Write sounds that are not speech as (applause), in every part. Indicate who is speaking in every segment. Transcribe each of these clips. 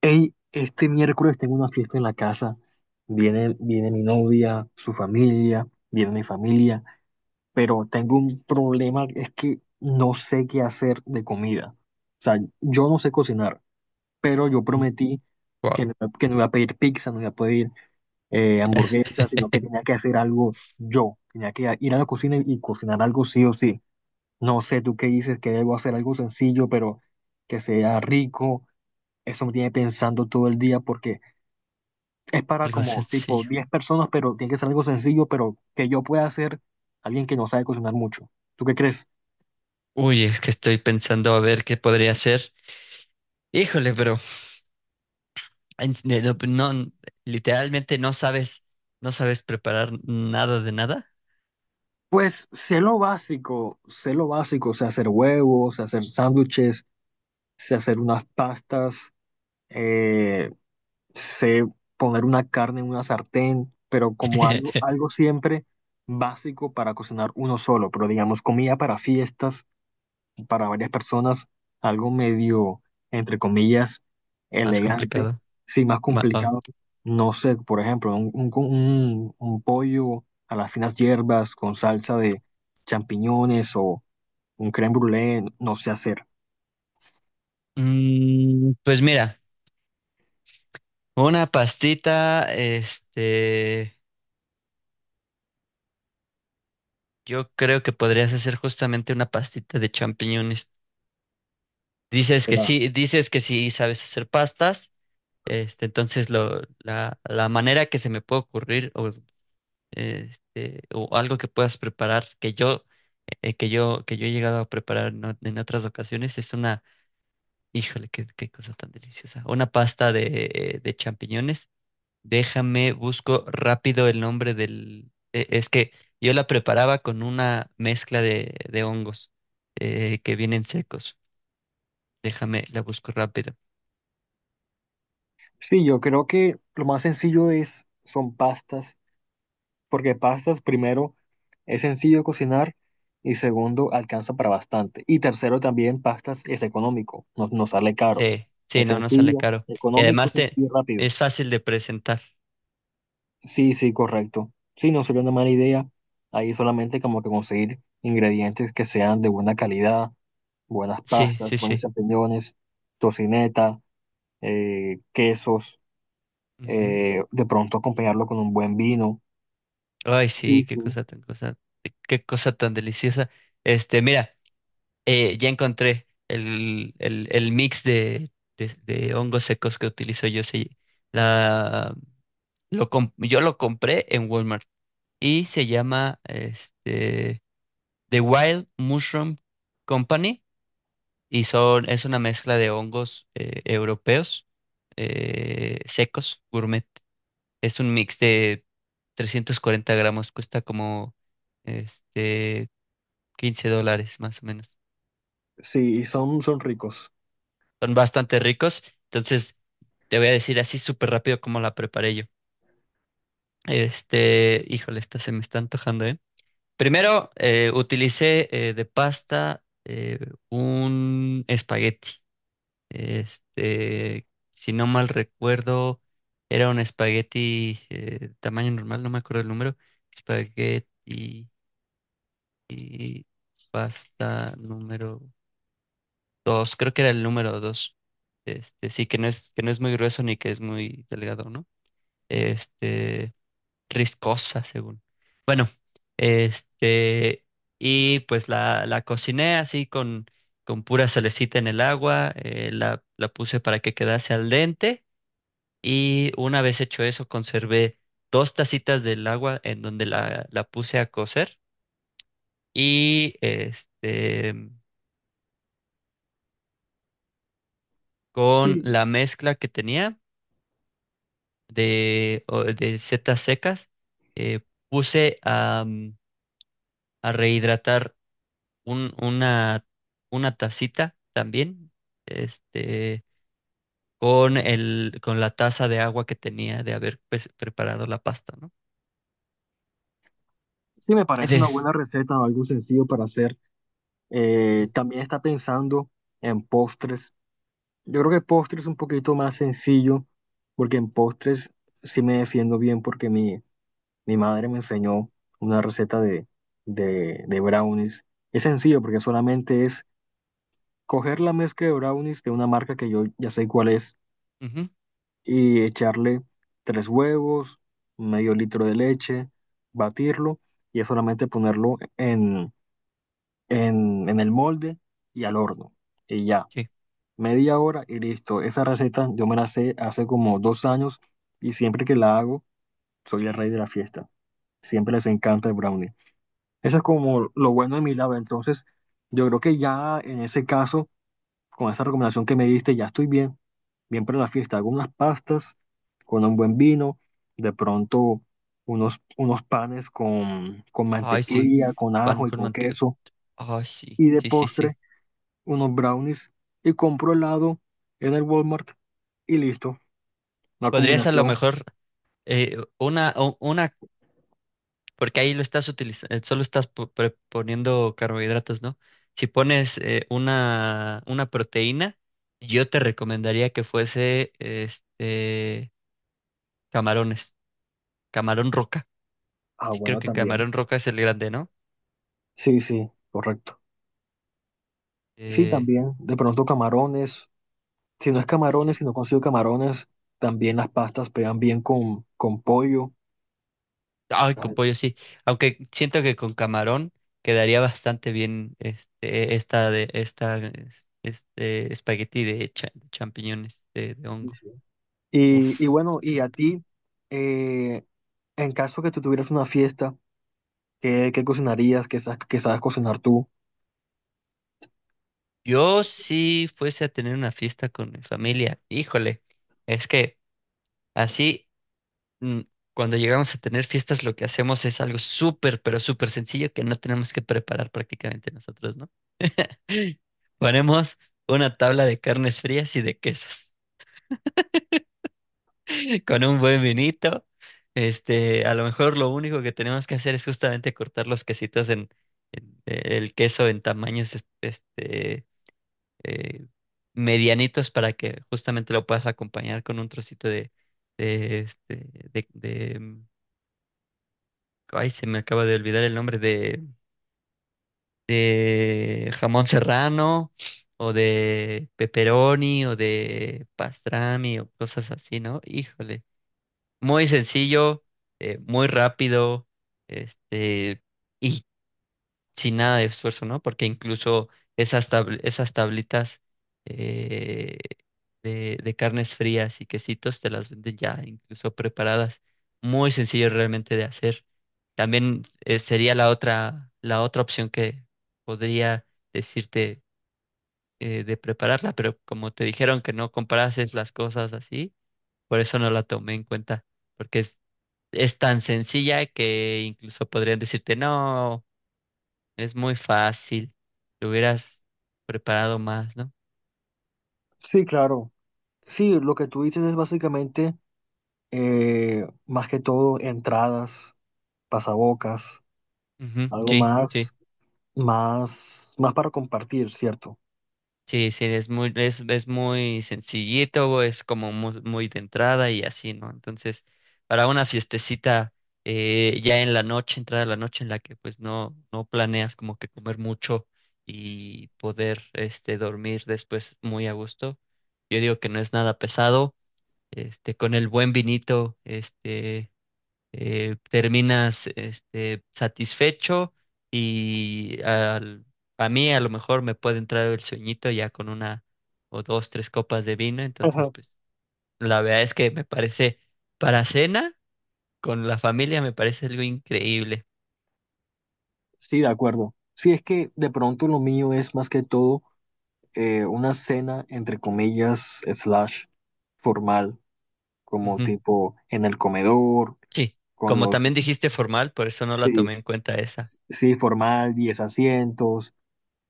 Speaker 1: Hey, este miércoles tengo una fiesta en la casa. Viene mi novia, su familia, viene mi familia, pero tengo un problema, es que no sé qué hacer de comida. O sea, yo no sé cocinar, pero yo prometí que
Speaker 2: Wow,
Speaker 1: no, que no iba a pedir pizza, no iba a pedir hamburguesa, sino que tenía que hacer algo yo. Tenía que ir a la cocina y cocinar algo sí o sí. No sé tú qué dices, que debo hacer algo sencillo, pero que sea rico. Eso me tiene pensando todo el día porque es para
Speaker 2: algo
Speaker 1: como tipo
Speaker 2: sencillo.
Speaker 1: 10 personas, pero tiene que ser algo sencillo, pero que yo pueda hacer alguien que no sabe cocinar mucho. ¿Tú qué crees?
Speaker 2: Uy, es que estoy pensando a ver qué podría ser. Híjole, bro. No, no, literalmente no sabes preparar nada de nada.
Speaker 1: Pues sé lo básico, sé lo básico, sé hacer huevos, sé hacer sándwiches, sé hacer unas pastas, eh, sé poner una carne en una sartén, pero como algo,
Speaker 2: (laughs)
Speaker 1: algo siempre básico para cocinar uno solo, pero digamos comida para fiestas para varias personas algo medio, entre comillas,
Speaker 2: Más
Speaker 1: elegante,
Speaker 2: complicado.
Speaker 1: sí, más
Speaker 2: Oh.
Speaker 1: complicado. No sé, por ejemplo, un pollo a las finas hierbas con salsa de champiñones o un crème brûlée, no sé hacer.
Speaker 2: Pues mira, una pastita, yo creo que podrías hacer justamente una pastita de champiñones.
Speaker 1: Será.
Speaker 2: Dices que sí sabes hacer pastas. Entonces, la manera que se me puede ocurrir, o algo que puedas preparar, que yo he llegado a preparar en otras ocasiones, es una, híjole, qué cosa tan deliciosa, una pasta de champiñones. Déjame, busco rápido el nombre es que yo la preparaba con una mezcla de hongos que vienen secos. Déjame, la busco rápido.
Speaker 1: Sí, yo creo que lo más sencillo es, son pastas porque pastas, primero, es sencillo cocinar y segundo, alcanza para bastante. Y tercero, también pastas es económico, no, no sale caro.
Speaker 2: Sí, sí,
Speaker 1: Es
Speaker 2: no sale
Speaker 1: sencillo,
Speaker 2: caro. Y
Speaker 1: económico,
Speaker 2: además
Speaker 1: sencillo y rápido.
Speaker 2: es fácil de presentar.
Speaker 1: Sí, sí, correcto. Sí, no sería una mala idea. Ahí solamente como que conseguir ingredientes que sean de buena calidad, buenas
Speaker 2: Sí,
Speaker 1: pastas,
Speaker 2: sí,
Speaker 1: buenos
Speaker 2: sí.
Speaker 1: champiñones, tocineta, quesos,
Speaker 2: Ujú.
Speaker 1: de pronto acompañarlo con un buen vino.
Speaker 2: Ay,
Speaker 1: Sí,
Speaker 2: sí,
Speaker 1: sí.
Speaker 2: qué cosa tan deliciosa. Mira, ya encontré el mix de hongos secos que utilizo yo. Sí, la, yo lo compré en Walmart y se llama The Wild Mushroom Company, y es una mezcla de hongos europeos, secos, gourmet. Es un mix de 340 gramos, cuesta como este $15 más o menos.
Speaker 1: Sí, son, son ricos.
Speaker 2: Son bastante ricos, entonces te voy a decir así súper rápido cómo la preparé yo. Híjole, esta se me está antojando, ¿eh? Primero, utilicé, de pasta, un espagueti. Si no mal recuerdo, era un espagueti, tamaño normal, no me acuerdo el número. Espagueti. Y pasta número dos, creo que era el número dos. Sí, que no es muy grueso ni que es muy delgado, ¿no? Este, Riscosa, según. Bueno, este, y pues la cociné así con pura salecita en el agua, la puse para que quedase al dente, y una vez hecho eso, conservé dos tacitas del agua en donde la puse a cocer, y con
Speaker 1: Sí,
Speaker 2: la mezcla que tenía de setas secas, eh, puse a, a rehidratar un- una, una tacita también, este, con con la taza de agua que tenía de haber, pues, preparado la pasta, ¿no?
Speaker 1: sí, me parece una
Speaker 2: Des-
Speaker 1: buena receta, algo sencillo para hacer.
Speaker 2: mm,
Speaker 1: También está pensando en postres. Yo creo que postres es un poquito más sencillo, porque en postres sí me defiendo bien, porque mi madre me enseñó una receta de, de brownies. Es sencillo, porque solamente es coger la mezcla de brownies de una marca que yo ya sé cuál es
Speaker 2: ujú,
Speaker 1: y echarle 3 huevos, medio litro de leche, batirlo y es solamente ponerlo en el molde y al horno. Y ya,
Speaker 2: sí.
Speaker 1: media hora y listo. Esa receta yo me la sé hace como 2 años y siempre que la hago, soy el rey de la fiesta. Siempre les encanta el brownie. Eso es como lo bueno de mi lado. Entonces, yo creo que ya en ese caso, con esa recomendación que me diste, ya estoy bien, bien para la fiesta. Hago unas pastas con un buen vino, de pronto unos, unos panes con
Speaker 2: Ay, sí.
Speaker 1: mantequilla, con
Speaker 2: Pan
Speaker 1: ajo y
Speaker 2: con
Speaker 1: con
Speaker 2: manteca.
Speaker 1: queso.
Speaker 2: Ay, sí,
Speaker 1: Y de
Speaker 2: sí, sí, sí.
Speaker 1: postre, unos brownies y compro helado en el Walmart y listo. Una
Speaker 2: Podrías a lo
Speaker 1: combinación.
Speaker 2: mejor, una. Porque ahí lo estás utilizando, solo estás poniendo carbohidratos, ¿no? Si pones, una proteína, yo te recomendaría que fuese camarones, camarón roca.
Speaker 1: Ah,
Speaker 2: Sí, creo
Speaker 1: bueno,
Speaker 2: que
Speaker 1: también.
Speaker 2: camarón roca es el grande, ¿no?
Speaker 1: Sí, sí, correcto. Sí,
Speaker 2: Eh,
Speaker 1: también. De pronto camarones. Si no es
Speaker 2: y sí.
Speaker 1: camarones,
Speaker 2: Sí.
Speaker 1: si no consigo camarones, también las pastas pegan bien con pollo.
Speaker 2: Ay,
Speaker 1: Ah,
Speaker 2: con pollo sí. Aunque siento que con camarón quedaría bastante bien, este, esta de esta es- este espagueti de champiñones de
Speaker 1: sí,
Speaker 2: hongo.
Speaker 1: sí. Y
Speaker 2: Uf,
Speaker 1: bueno,
Speaker 2: sí se
Speaker 1: y
Speaker 2: me
Speaker 1: a
Speaker 2: antoja.
Speaker 1: ti, eh, en caso que tú tuvieras una fiesta, ¿qué, qué cocinarías? Qué sabes cocinar tú?
Speaker 2: Yo si fuese a tener una fiesta con mi familia, híjole, es que así, mm, cuando llegamos a tener fiestas lo que hacemos es algo súper, pero súper sencillo, que no tenemos que preparar prácticamente nosotros, ¿no? (gasps) (laughs) Ponemos una tabla de carnes frías y de quesos (laughs) con un buen vinito. A lo mejor lo único que tenemos que hacer es justamente cortar los quesitos, el queso, en tamaños este eh, medianitos, para que justamente lo puedas acompañar con un trocito de, de este, de, de- ay, se me acaba de olvidar el nombre, de jamón serrano o de pepperoni o de pastrami o cosas así, ¿no? Híjole, muy sencillo, muy rápido, este, y sin nada de esfuerzo, ¿no? Porque incluso esas tablitas, eh, de carnes frías y quesitos, te las venden ya incluso preparadas. Muy sencillo realmente de hacer. También, sería la otra opción que podría decirte, de prepararla, pero como te dijeron que no comparases las cosas así, por eso no la tomé en cuenta, porque es tan sencilla que incluso podrían decirte no. Es muy fácil. Lo hubieras preparado más, ¿no?
Speaker 1: Sí, claro. Sí, lo que tú dices es básicamente, más que todo, entradas pasabocas,
Speaker 2: Ujú,
Speaker 1: algo
Speaker 2: sí, sí,
Speaker 1: más, más, más para compartir, ¿cierto?
Speaker 2: sí, sí, es muy sencillito, es como muy, muy de entrada y así, ¿no? Entonces, para una fiestecita, ya en la noche, entrada a la noche en la que pues no planeas como que comer mucho y poder dormir después muy a gusto. Yo digo que no es nada pesado, con el buen vinito, terminas, satisfecho, y a mí a lo mejor me puede entrar el sueñito ya con una o dos, tres copas de vino, entonces
Speaker 1: Ajá.
Speaker 2: pues la verdad es que me parece, para cena con la familia me parece algo increíble.
Speaker 1: Sí, de acuerdo. Sí, es que de pronto lo mío es más que todo una cena, entre comillas, slash, formal, como
Speaker 2: Ujú,
Speaker 1: tipo en el comedor,
Speaker 2: sí,
Speaker 1: con
Speaker 2: como
Speaker 1: los,
Speaker 2: también dijiste formal, por eso no la
Speaker 1: sí,
Speaker 2: tomé en cuenta esa.
Speaker 1: sí, formal, 10 asientos,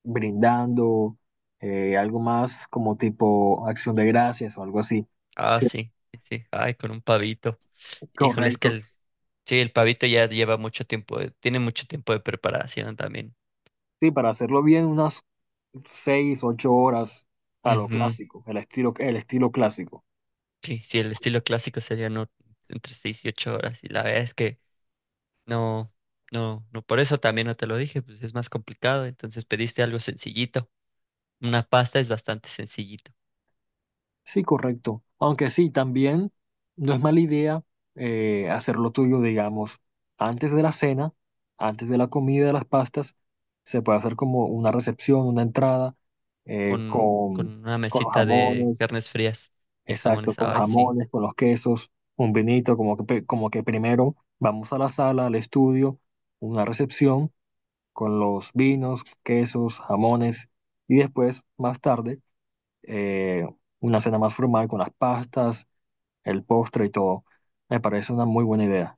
Speaker 1: brindando, algo más como tipo acción de gracias o algo así.
Speaker 2: Ah,
Speaker 1: Sí,
Speaker 2: sí, sí, ay, con un pavito. Híjole, es que
Speaker 1: correcto.
Speaker 2: el, sí, el pavito ya lleva mucho tiempo, tiene mucho tiempo de preparación también.
Speaker 1: Sí, para hacerlo bien, una 6, 8 horas a lo
Speaker 2: Ujú.
Speaker 1: clásico, el estilo clásico.
Speaker 2: Sí, sí, el estilo clásico sería, no, entre 6 y 8 horas. Y la verdad es que no, no, no, por eso también no te lo dije, pues es más complicado. Entonces pediste algo sencillito. Una pasta es bastante sencillito,
Speaker 1: Sí, correcto. Aunque sí, también no es mala idea hacer lo tuyo, digamos, antes de la cena, antes de la comida de las pastas, se puede hacer como una recepción, una entrada eh,
Speaker 2: con
Speaker 1: con,
Speaker 2: una
Speaker 1: con los
Speaker 2: mesita de
Speaker 1: jamones,
Speaker 2: carnes frías y
Speaker 1: exacto,
Speaker 2: jamones.
Speaker 1: con los
Speaker 2: Ay, sí.
Speaker 1: jamones, con los quesos, un vinito, como que, pe- como que primero vamos a la sala, al estudio, una recepción con los vinos, quesos, jamones y después, más tarde, eh, una cena más formal con las pastas, el postre y todo. Me parece una muy buena idea.